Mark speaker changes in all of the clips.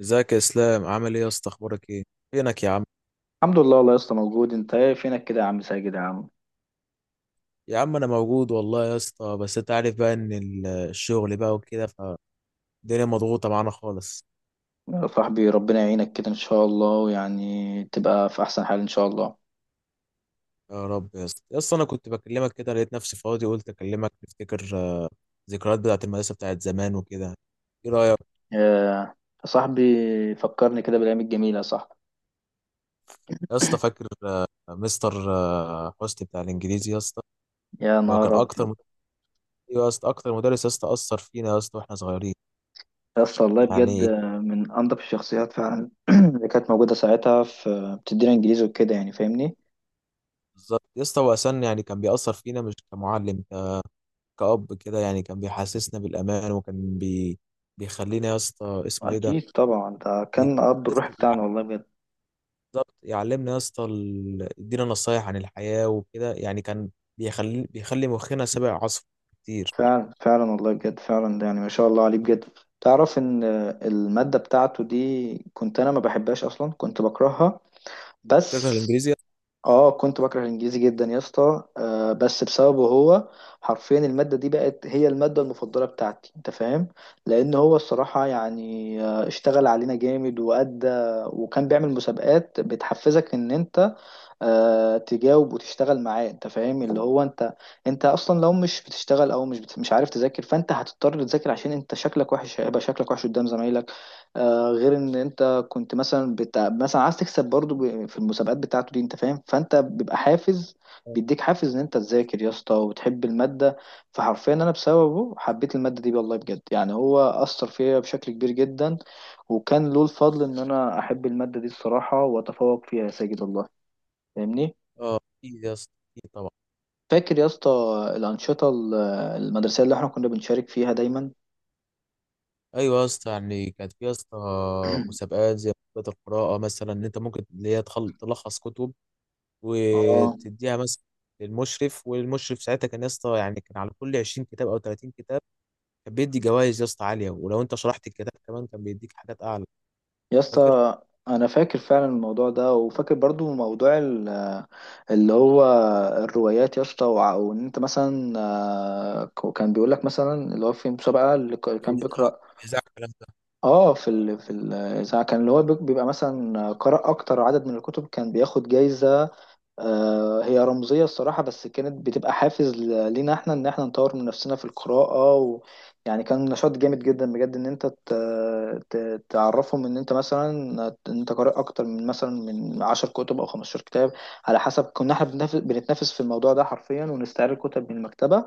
Speaker 1: ازيك يا اسلام؟ عامل ايه يا اسطى؟ اخبارك ايه؟ فينك يا عم؟
Speaker 2: الحمد لله والله يا اسطى، موجود. انت ايه، فينك كده يا عم ساجد يا عم؟
Speaker 1: يا عم انا موجود والله يا اسطى، بس انت عارف بقى ان الشغل بقى وكده، فالدنيا مضغوطه معانا خالص.
Speaker 2: يا صاحبي ربنا يعينك كده ان شاء الله، ويعني تبقى في احسن حال ان شاء الله.
Speaker 1: يا رب يا اسطى، انا كنت بكلمك كده، لقيت نفسي فاضي قلت اكلمك نفتكر ذكريات بتاعت المدرسه بتاعت زمان وكده. ايه رايك
Speaker 2: يا يا صاحبي فكرني كده بالايام الجميله يا صاحبي.
Speaker 1: يا اسطى؟ فاكر مستر حسني بتاع الانجليزي يا اسطى؟
Speaker 2: يا
Speaker 1: هو
Speaker 2: نهار
Speaker 1: كان اكتر
Speaker 2: ابيض،
Speaker 1: أيوة يا اسطى، اكتر مدرس يا اسطى اثر فينا يا اسطى واحنا صغيرين.
Speaker 2: يا اسطى والله بجد،
Speaker 1: يعني إيه؟
Speaker 2: من انضف الشخصيات فعلا اللي كانت موجوده ساعتها، في بتدينا انجليزي وكده يعني، فاهمني؟
Speaker 1: بالظبط يا اسطى، هو أساساً يعني كان بيأثر فينا مش كمعلم، كأب كده يعني، كان بيحسسنا بالأمان وكان بي... بيخلينا يا اسطى اسمه إيه ده.
Speaker 2: اكيد طبعا، ده كان اب الروح
Speaker 1: يحسسنا-
Speaker 2: بتاعنا والله بجد.
Speaker 1: بالظبط، يعلمنا يا اسطى يدينا نصايح عن الحياة وكده، يعني كان بيخلي مخنا سابق عصره كتير.
Speaker 2: فعلا فعلا والله بجد فعلا، يعني ما شاء الله عليه بجد. تعرف ان المادة بتاعته دي كنت انا ما بحبهاش اصلا، كنت بكرهها،
Speaker 1: فاكر
Speaker 2: بس
Speaker 1: الإنجليزي يا
Speaker 2: اه كنت بكره الانجليزي جدا يا اسطى. آه بس بسببه هو، حرفيا المادة دي بقت هي المادة المفضلة بتاعتي، انت فاهم؟ لان هو الصراحة يعني اشتغل علينا جامد، وادى. وكان بيعمل مسابقات بتحفزك ان انت تجاوب وتشتغل معاه، انت فاهم؟ اللي هو انت، انت اصلا لو مش بتشتغل او مش عارف تذاكر، فانت هتضطر تذاكر، عشان انت شكلك وحش، هيبقى شكلك وحش قدام زمايلك. آه، غير ان انت كنت مثلا مثلا عايز تكسب برضو في المسابقات بتاعته دي، انت فاهم؟ فانت بيبقى حافز،
Speaker 1: اسطى؟
Speaker 2: بيديك حافز ان انت تذاكر يا اسطى وتحب المادة. فحرفيا انا بسببه حبيت المادة دي والله بجد، يعني هو اثر فيا بشكل كبير جدا، وكان له الفضل ان انا احب المادة دي الصراحة، واتفوق فيها يا ساجد والله. فاهمني؟
Speaker 1: اه، أكيد يا اسطى، أكيد طبعا.
Speaker 2: فاكر يا اسطى الأنشطة ال- المدرسية اللي احنا كنا بنشارك فيها دايما؟
Speaker 1: أيوه يا اسطى، يعني كانت في يا اسطى مسابقات زي مسابقات القراءة مثلا، إن أنت ممكن اللي هي تلخص كتب
Speaker 2: اه.
Speaker 1: وتديها مثلا للمشرف، والمشرف ساعتها كان يا اسطى، يعني كان على كل 20 كتاب أو 30 كتاب كان بيدي جوائز يا اسطى عاليه، ولو انت شرحت الكتاب كمان كان بيديك حاجات اعلى.
Speaker 2: يا
Speaker 1: فاكر
Speaker 2: اسطى انا فاكر فعلا الموضوع ده، وفاكر برضو موضوع اللي هو الروايات يا اسطى، وان انت مثلا كان بيقول لك مثلا اللي هو في مسابقة، اللي
Speaker 1: في
Speaker 2: كان
Speaker 1: الإذاعة،
Speaker 2: بيقرأ.
Speaker 1: الإذاعة الكلام ده؟
Speaker 2: اه، في الاذاعه كان اللي هو بيبقى مثلا قرأ اكتر عدد من الكتب، كان بياخد جايزة. هي رمزية الصراحة، بس كانت بتبقى حافز لينا احنا ان احنا نطور من نفسنا في القراءة. يعني كان نشاط جامد جدا بجد، ان انت تعرفهم ان انت مثلا ان انت قارئ اكتر من مثلا من 10 كتب او 15 كتاب، على حسب. كنا احنا بنتنافس في الموضوع ده حرفيا، ونستعير الكتب من المكتبة.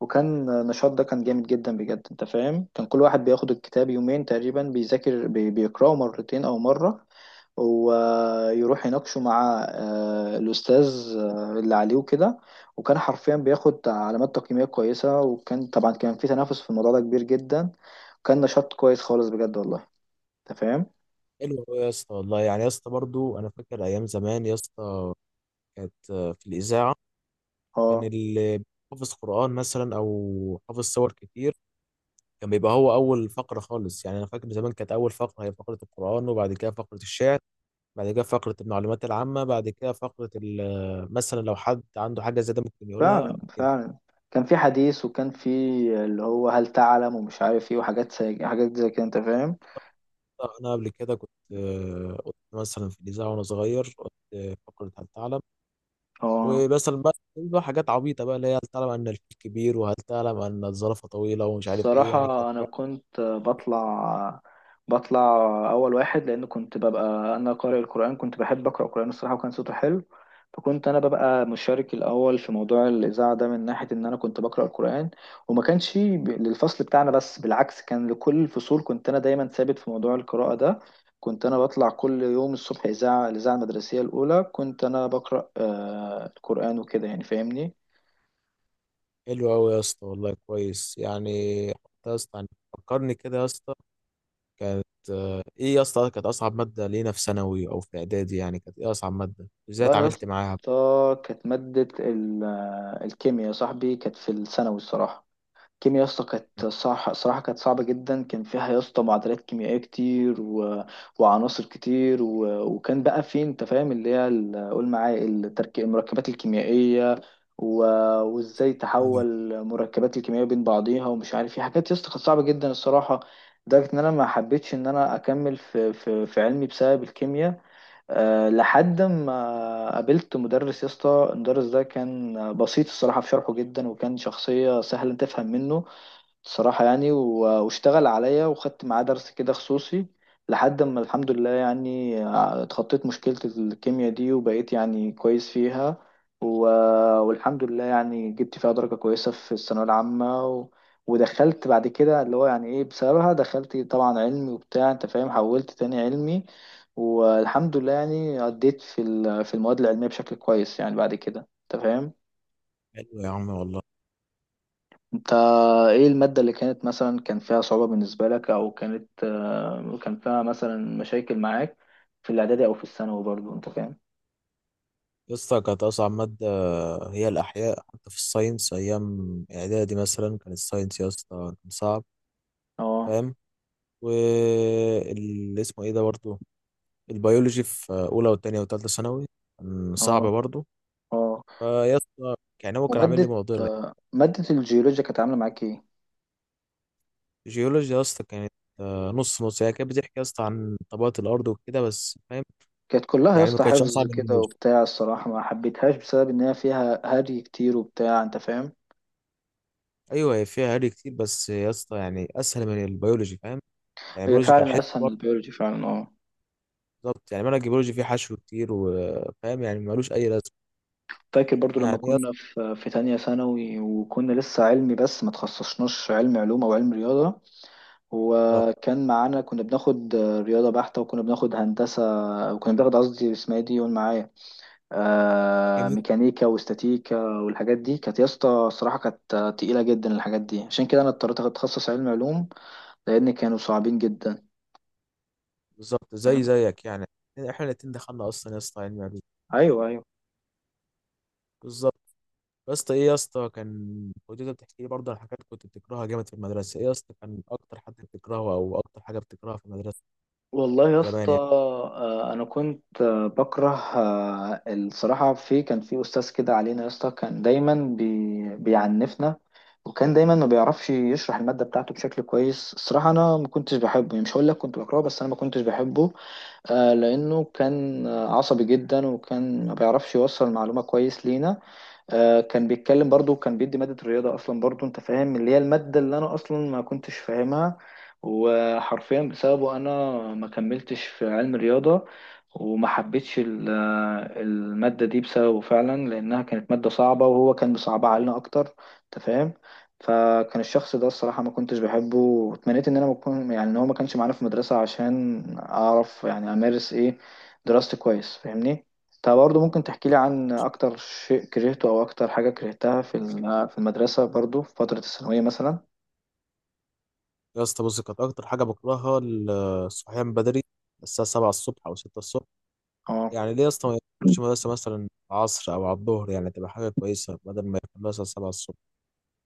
Speaker 2: وكان النشاط ده كان جامد جدا بجد، انت فاهم؟ كان كل واحد بياخد الكتاب يومين تقريبا، بيذاكر بيقرأه مرتين او مرة، ويروح يناقشه مع الأستاذ اللي عليه وكده. وكان حرفيا بياخد علامات تقييمية كويسة، وكان طبعا كان في تنافس في الموضوع ده كبير جدا. كان نشاط كويس خالص بجد والله، انت فاهم؟
Speaker 1: حلو أوي يا اسطى والله، يعني يا اسطى برضو انا فاكر ايام زمان يا اسطى كانت في الاذاعه، كان
Speaker 2: اه
Speaker 1: اللي حافظ قران مثلا او حافظ سور كتير كان بيبقى هو اول فقره خالص. يعني انا فاكر زمان كانت اول فقره هي فقره القران، وبعد كده فقره الشعر، بعد كده فقره المعلومات العامه، بعد كده فقره مثلا لو حد عنده حاجه زياده ممكن يقولها
Speaker 2: فعلا
Speaker 1: أو كده.
Speaker 2: فعلا، كان في حديث وكان في اللي هو هل تعلم ومش عارف ايه، وحاجات زي حاجات زي كده، انت فاهم؟
Speaker 1: لا، أنا قبل كده كنت كنت مثلا في الإذاعة وأنا صغير، كنت فقرة هل تعلم،
Speaker 2: اه.
Speaker 1: ومثلا بقى حاجات عبيطة بقى، اللي هي هل تعلم أن الفيل كبير، وهل تعلم أن الزرافة طويلة، ومش عارف إيه، يعني كانت
Speaker 2: الصراحة أنا
Speaker 1: حاجات.
Speaker 2: كنت بطلع أول واحد، لأن كنت ببقى أنا قارئ القرآن، كنت بحب أقرأ القرآن الصراحة، وكان صوته حلو. فكنت أنا ببقى مشارك الأول في موضوع الإذاعة ده، من ناحية إن أنا كنت بقرأ القرآن. وما كانش للفصل بتاعنا بس، بالعكس كان لكل الفصول. كنت أنا دايما ثابت في موضوع القراءة ده، كنت أنا بطلع كل يوم الصبح إذاعة، الإذاعة المدرسية الأولى، كنت أنا بقرأ القرآن وكده يعني، فاهمني؟
Speaker 1: حلوة أوي يا اسطى والله، كويس يعني. حتى يا اسطى يعني فكرني كده يا اسطى، كانت إيه يا اسطى كانت أصعب مادة لينا في ثانوي أو في إعدادي؟ يعني كانت إيه أصعب مادة؟ إزاي
Speaker 2: والله يا
Speaker 1: اتعاملت معاها؟
Speaker 2: اسطى كانت مادة الكيمياء يا صاحبي، كانت في الثانوي الصراحة. الكيمياء يا اسطى كانت صح صراحة، كانت صعبة جدا. كان فيها يا اسطى معادلات كيميائية وعناصر كتير. وكان بقى في، انت فاهم، اللي هي قول معايا التركيب، المركبات الكيميائية و... وازاي
Speaker 1: حلو
Speaker 2: تحول مركبات الكيميائية بين بعضيها، ومش عارف ايه. حاجات يا اسطى كانت صعبة جدا الصراحة، لدرجة ان انا ما حبيتش ان انا اكمل في في علمي بسبب الكيمياء. أه، لحد ما قابلت مدرس يا اسطى، المدرس ده كان بسيط الصراحة في شرحه جدا، وكان شخصية سهلة تفهم منه الصراحة يعني، واشتغل عليا، وخدت معاه درس كده خصوصي. لحد ما الحمد لله يعني اتخطيت مشكلة الكيمياء دي، وبقيت يعني كويس فيها و... والحمد لله يعني جبت فيها درجة كويسة في الثانوية العامة. ودخلت بعد كده اللي هو يعني ايه، بسببها دخلت طبعا علمي وبتاع، انت فاهم، حولت تاني علمي. والحمد لله يعني عديت في في المواد العلمية بشكل كويس يعني بعد كده، انت فاهم؟
Speaker 1: يا عم والله.
Speaker 2: انت ايه المادة اللي كانت مثلا كان فيها صعوبة بالنسبة لك، او كانت كان فيها مثلا مشاكل معاك في الاعدادي او في الثانوي برضو، انت فاهم؟
Speaker 1: لسه كانت أصعب مادة هي الأحياء، حتى في الساينس أيام إعدادي مثلا كان الساينس يا اسطى كان صعب،
Speaker 2: اه
Speaker 1: فاهم؟ واللي اسمه إيه ده برضه، البيولوجي في أولى وتانية وتالتة ثانوي كان صعب
Speaker 2: اه
Speaker 1: برضه،
Speaker 2: اه.
Speaker 1: فيا اسطى يعني هو كان عامل لي
Speaker 2: ومادة
Speaker 1: معضلة.
Speaker 2: مادة الجيولوجيا كانت عاملة معاك ايه؟
Speaker 1: الجيولوجيا يا اسطى كانت نص نص، هي كانت بتحكي يا اسطى عن طبقات الأرض وكده بس، فاهم؟
Speaker 2: كانت كلها يا
Speaker 1: يعني ما
Speaker 2: اسطى
Speaker 1: كانتش
Speaker 2: حفظ
Speaker 1: أصعب من
Speaker 2: كده
Speaker 1: البيولوجي.
Speaker 2: وبتاع الصراحة، ما حبيتهاش بسبب ان هي فيها هري كتير وبتاع، انت فاهم؟
Speaker 1: أيوه، هي فيها هري كتير بس يا اسطى، يعني أسهل من البيولوجي، فاهم؟ يعني
Speaker 2: هي
Speaker 1: البيولوجي كان
Speaker 2: فعلا
Speaker 1: حلو.
Speaker 2: اسهل من البيولوجي فعلا، اه.
Speaker 1: بالظبط، يعني منهج الجيولوجي فيه حشو كتير، وفاهم يعني ملوش أي لازمة.
Speaker 2: فاكر برضو لما
Speaker 1: يعني يا
Speaker 2: كنا في تانية ثانوي، وكنا لسه علمي بس ما تخصصناش علم علوم او علم رياضة،
Speaker 1: اسطى
Speaker 2: وكان معانا كنا بناخد رياضة بحتة، وكنا بناخد هندسة، وكنا بناخد، قصدي اسمها ايه دي، قول معايا، آه،
Speaker 1: كيمياء.
Speaker 2: ميكانيكا واستاتيكا. والحاجات دي كانت يا اسطى الصراحة كانت تقيلة جدا الحاجات دي، عشان كده أنا اضطريت أتخصص علم علوم لأن كانوا صعبين جدا.
Speaker 1: بالظبط زي
Speaker 2: فاهم؟
Speaker 1: زيك يعني، احنا الاتنين دخلنا أصلا يا اسطى علمي علوم.
Speaker 2: أيوه أيوه.
Speaker 1: بالظبط. يا اسطى ايه يا اسطى، كان وجدة بتحكي لي برضه عن حاجات كنت بتكرهها جامد في المدرسة. ايه يا اسطى كان أكتر حد بتكرهه أو أكتر حاجة بتكرهها في المدرسة
Speaker 2: والله يا
Speaker 1: زمان
Speaker 2: اسطى
Speaker 1: يعني؟
Speaker 2: انا كنت بكره. الصراحه، في كان في استاذ كده علينا يا اسطى، كان دايما بيعنفنا، وكان دايما ما بيعرفش يشرح الماده بتاعته بشكل كويس الصراحه. انا ما كنتش بحبه يعني، مش هقول لك كنت بكرهه، بس انا ما كنتش بحبه. لانه كان عصبي جدا، وكان ما بيعرفش يوصل المعلومه كويس لينا. كان بيتكلم برضو، كان بيدي مادة الرياضة أصلا برضو، أنت فاهم، اللي هي المادة اللي أنا أصلا ما كنتش فاهمها، وحرفيا بسببه أنا ما كملتش في علم الرياضة، وما حبيتش المادة دي بسببه فعلا، لأنها كانت مادة صعبة وهو كان بيصعبها علينا أكتر، أنت فاهم؟ فكان الشخص ده الصراحة ما كنتش بحبه، واتمنيت إن أنا ما أكون، يعني إن هو ما كانش معانا في المدرسة، عشان أعرف يعني أمارس، إيه، دراستي كويس، فاهمني؟ طب برضه ممكن تحكي لي عن أكتر شيء كرهته، أو أكتر حاجة كرهتها في في المدرسة برضه في فترة الثانوية مثلا؟
Speaker 1: يا اسطى بص، كانت أكتر حاجة بكرهها الصحيان بدري، الساعة 7 الصبح أو 6 الصبح.
Speaker 2: اه.
Speaker 1: يعني ليه يا اسطى ما يدخلوش مدرسة مثلا العصر أو على الظهر، يعني تبقى حاجة كويسة بدل ما يكون مثلا 7 الصبح،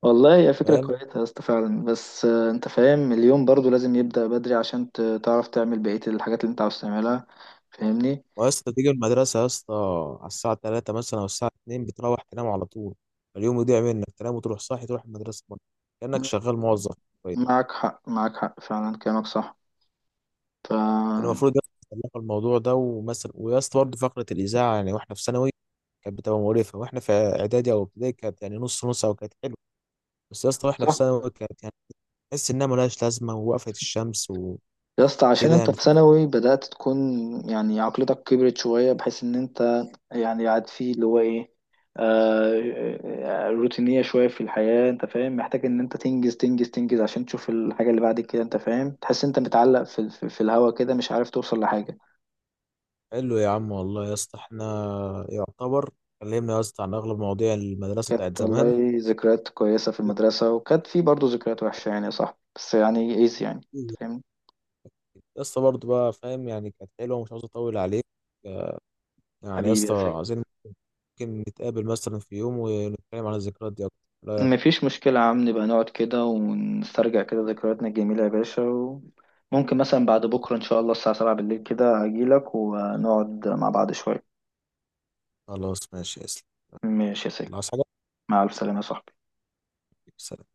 Speaker 2: والله هي فكرة
Speaker 1: فاهم؟
Speaker 2: كويسة يا اسطى فعلا، بس انت فاهم، اليوم برضو لازم يبدأ بدري عشان تعرف تعمل بقية الحاجات اللي انت عاوز تعملها، فاهمني؟
Speaker 1: ويا اسطى تيجي المدرسة يا اسطى على الساعة 3 مثلا أو الساعة 2 بتروح تنام على طول، اليوم يضيع منك، تنام وتروح صاحي تروح المدرسة مرة. كأنك شغال موظف. كويس.
Speaker 2: معك حق معك حق فعلا، كلامك صح. ف،
Speaker 1: كان المفروض يا اسطى يطلعوا الموضوع ده. ومثلا ويا اسطى برضه فقرة الإذاعة، يعني واحنا في ثانوي كانت بتبقى مقرفة، واحنا في إعدادي أو ابتدائي كانت يعني نص نص أو كانت حلوة، بس يا اسطى واحنا في
Speaker 2: صح
Speaker 1: ثانوي كانت يعني تحس إنها ملهاش لازمة ووقفت الشمس
Speaker 2: يا اسطى، عشان
Speaker 1: وكده
Speaker 2: انت
Speaker 1: يعني.
Speaker 2: في ثانوي بدأت تكون، يعني عقلتك كبرت شوية، بحيث ان انت يعني قاعد فيه اللي هو ايه، روتينية شوية في الحياة، انت فاهم، محتاج ان انت تنجز تنجز تنجز، عشان تشوف الحاجة اللي بعد كده، انت فاهم؟ تحس انت متعلق في الهوا كده، مش عارف توصل لحاجة.
Speaker 1: حلو يا عم والله يا اسطى، احنا يعتبر اتكلمنا يا اسطى عن أغلب مواضيع المدرسة بتاعت
Speaker 2: كانت
Speaker 1: زمان.
Speaker 2: والله ذكريات كويسة في المدرسة، وكانت في برضه ذكريات وحشة يعني يا صاحبي، بس يعني ايز، يعني انت فاهم.
Speaker 1: يا اسطى برضه بقى فاهم، يعني كانت حلوه ومش عاوز اطول عليك، آه، يعني يا
Speaker 2: حبيبي يا
Speaker 1: اسطى
Speaker 2: ساجد،
Speaker 1: عايزين ممكن نتقابل مثلا في يوم ونتكلم عن الذكريات دي اكتر، إيه رأيك؟
Speaker 2: مفيش مشكلة يا عم، نبقى نقعد كده ونسترجع كده ذكرياتنا الجميلة يا باشا. وممكن مثلا بعد بكرة إن شاء الله الساعة 7 بالليل كده أجيلك، ونقعد مع بعض شوية.
Speaker 1: خلاص ماشي يا اسلام.
Speaker 2: ماشي يا سيدي.
Speaker 1: الله، عايز حاجه؟
Speaker 2: مع ألف سلامة يا صاحبي.
Speaker 1: سلام.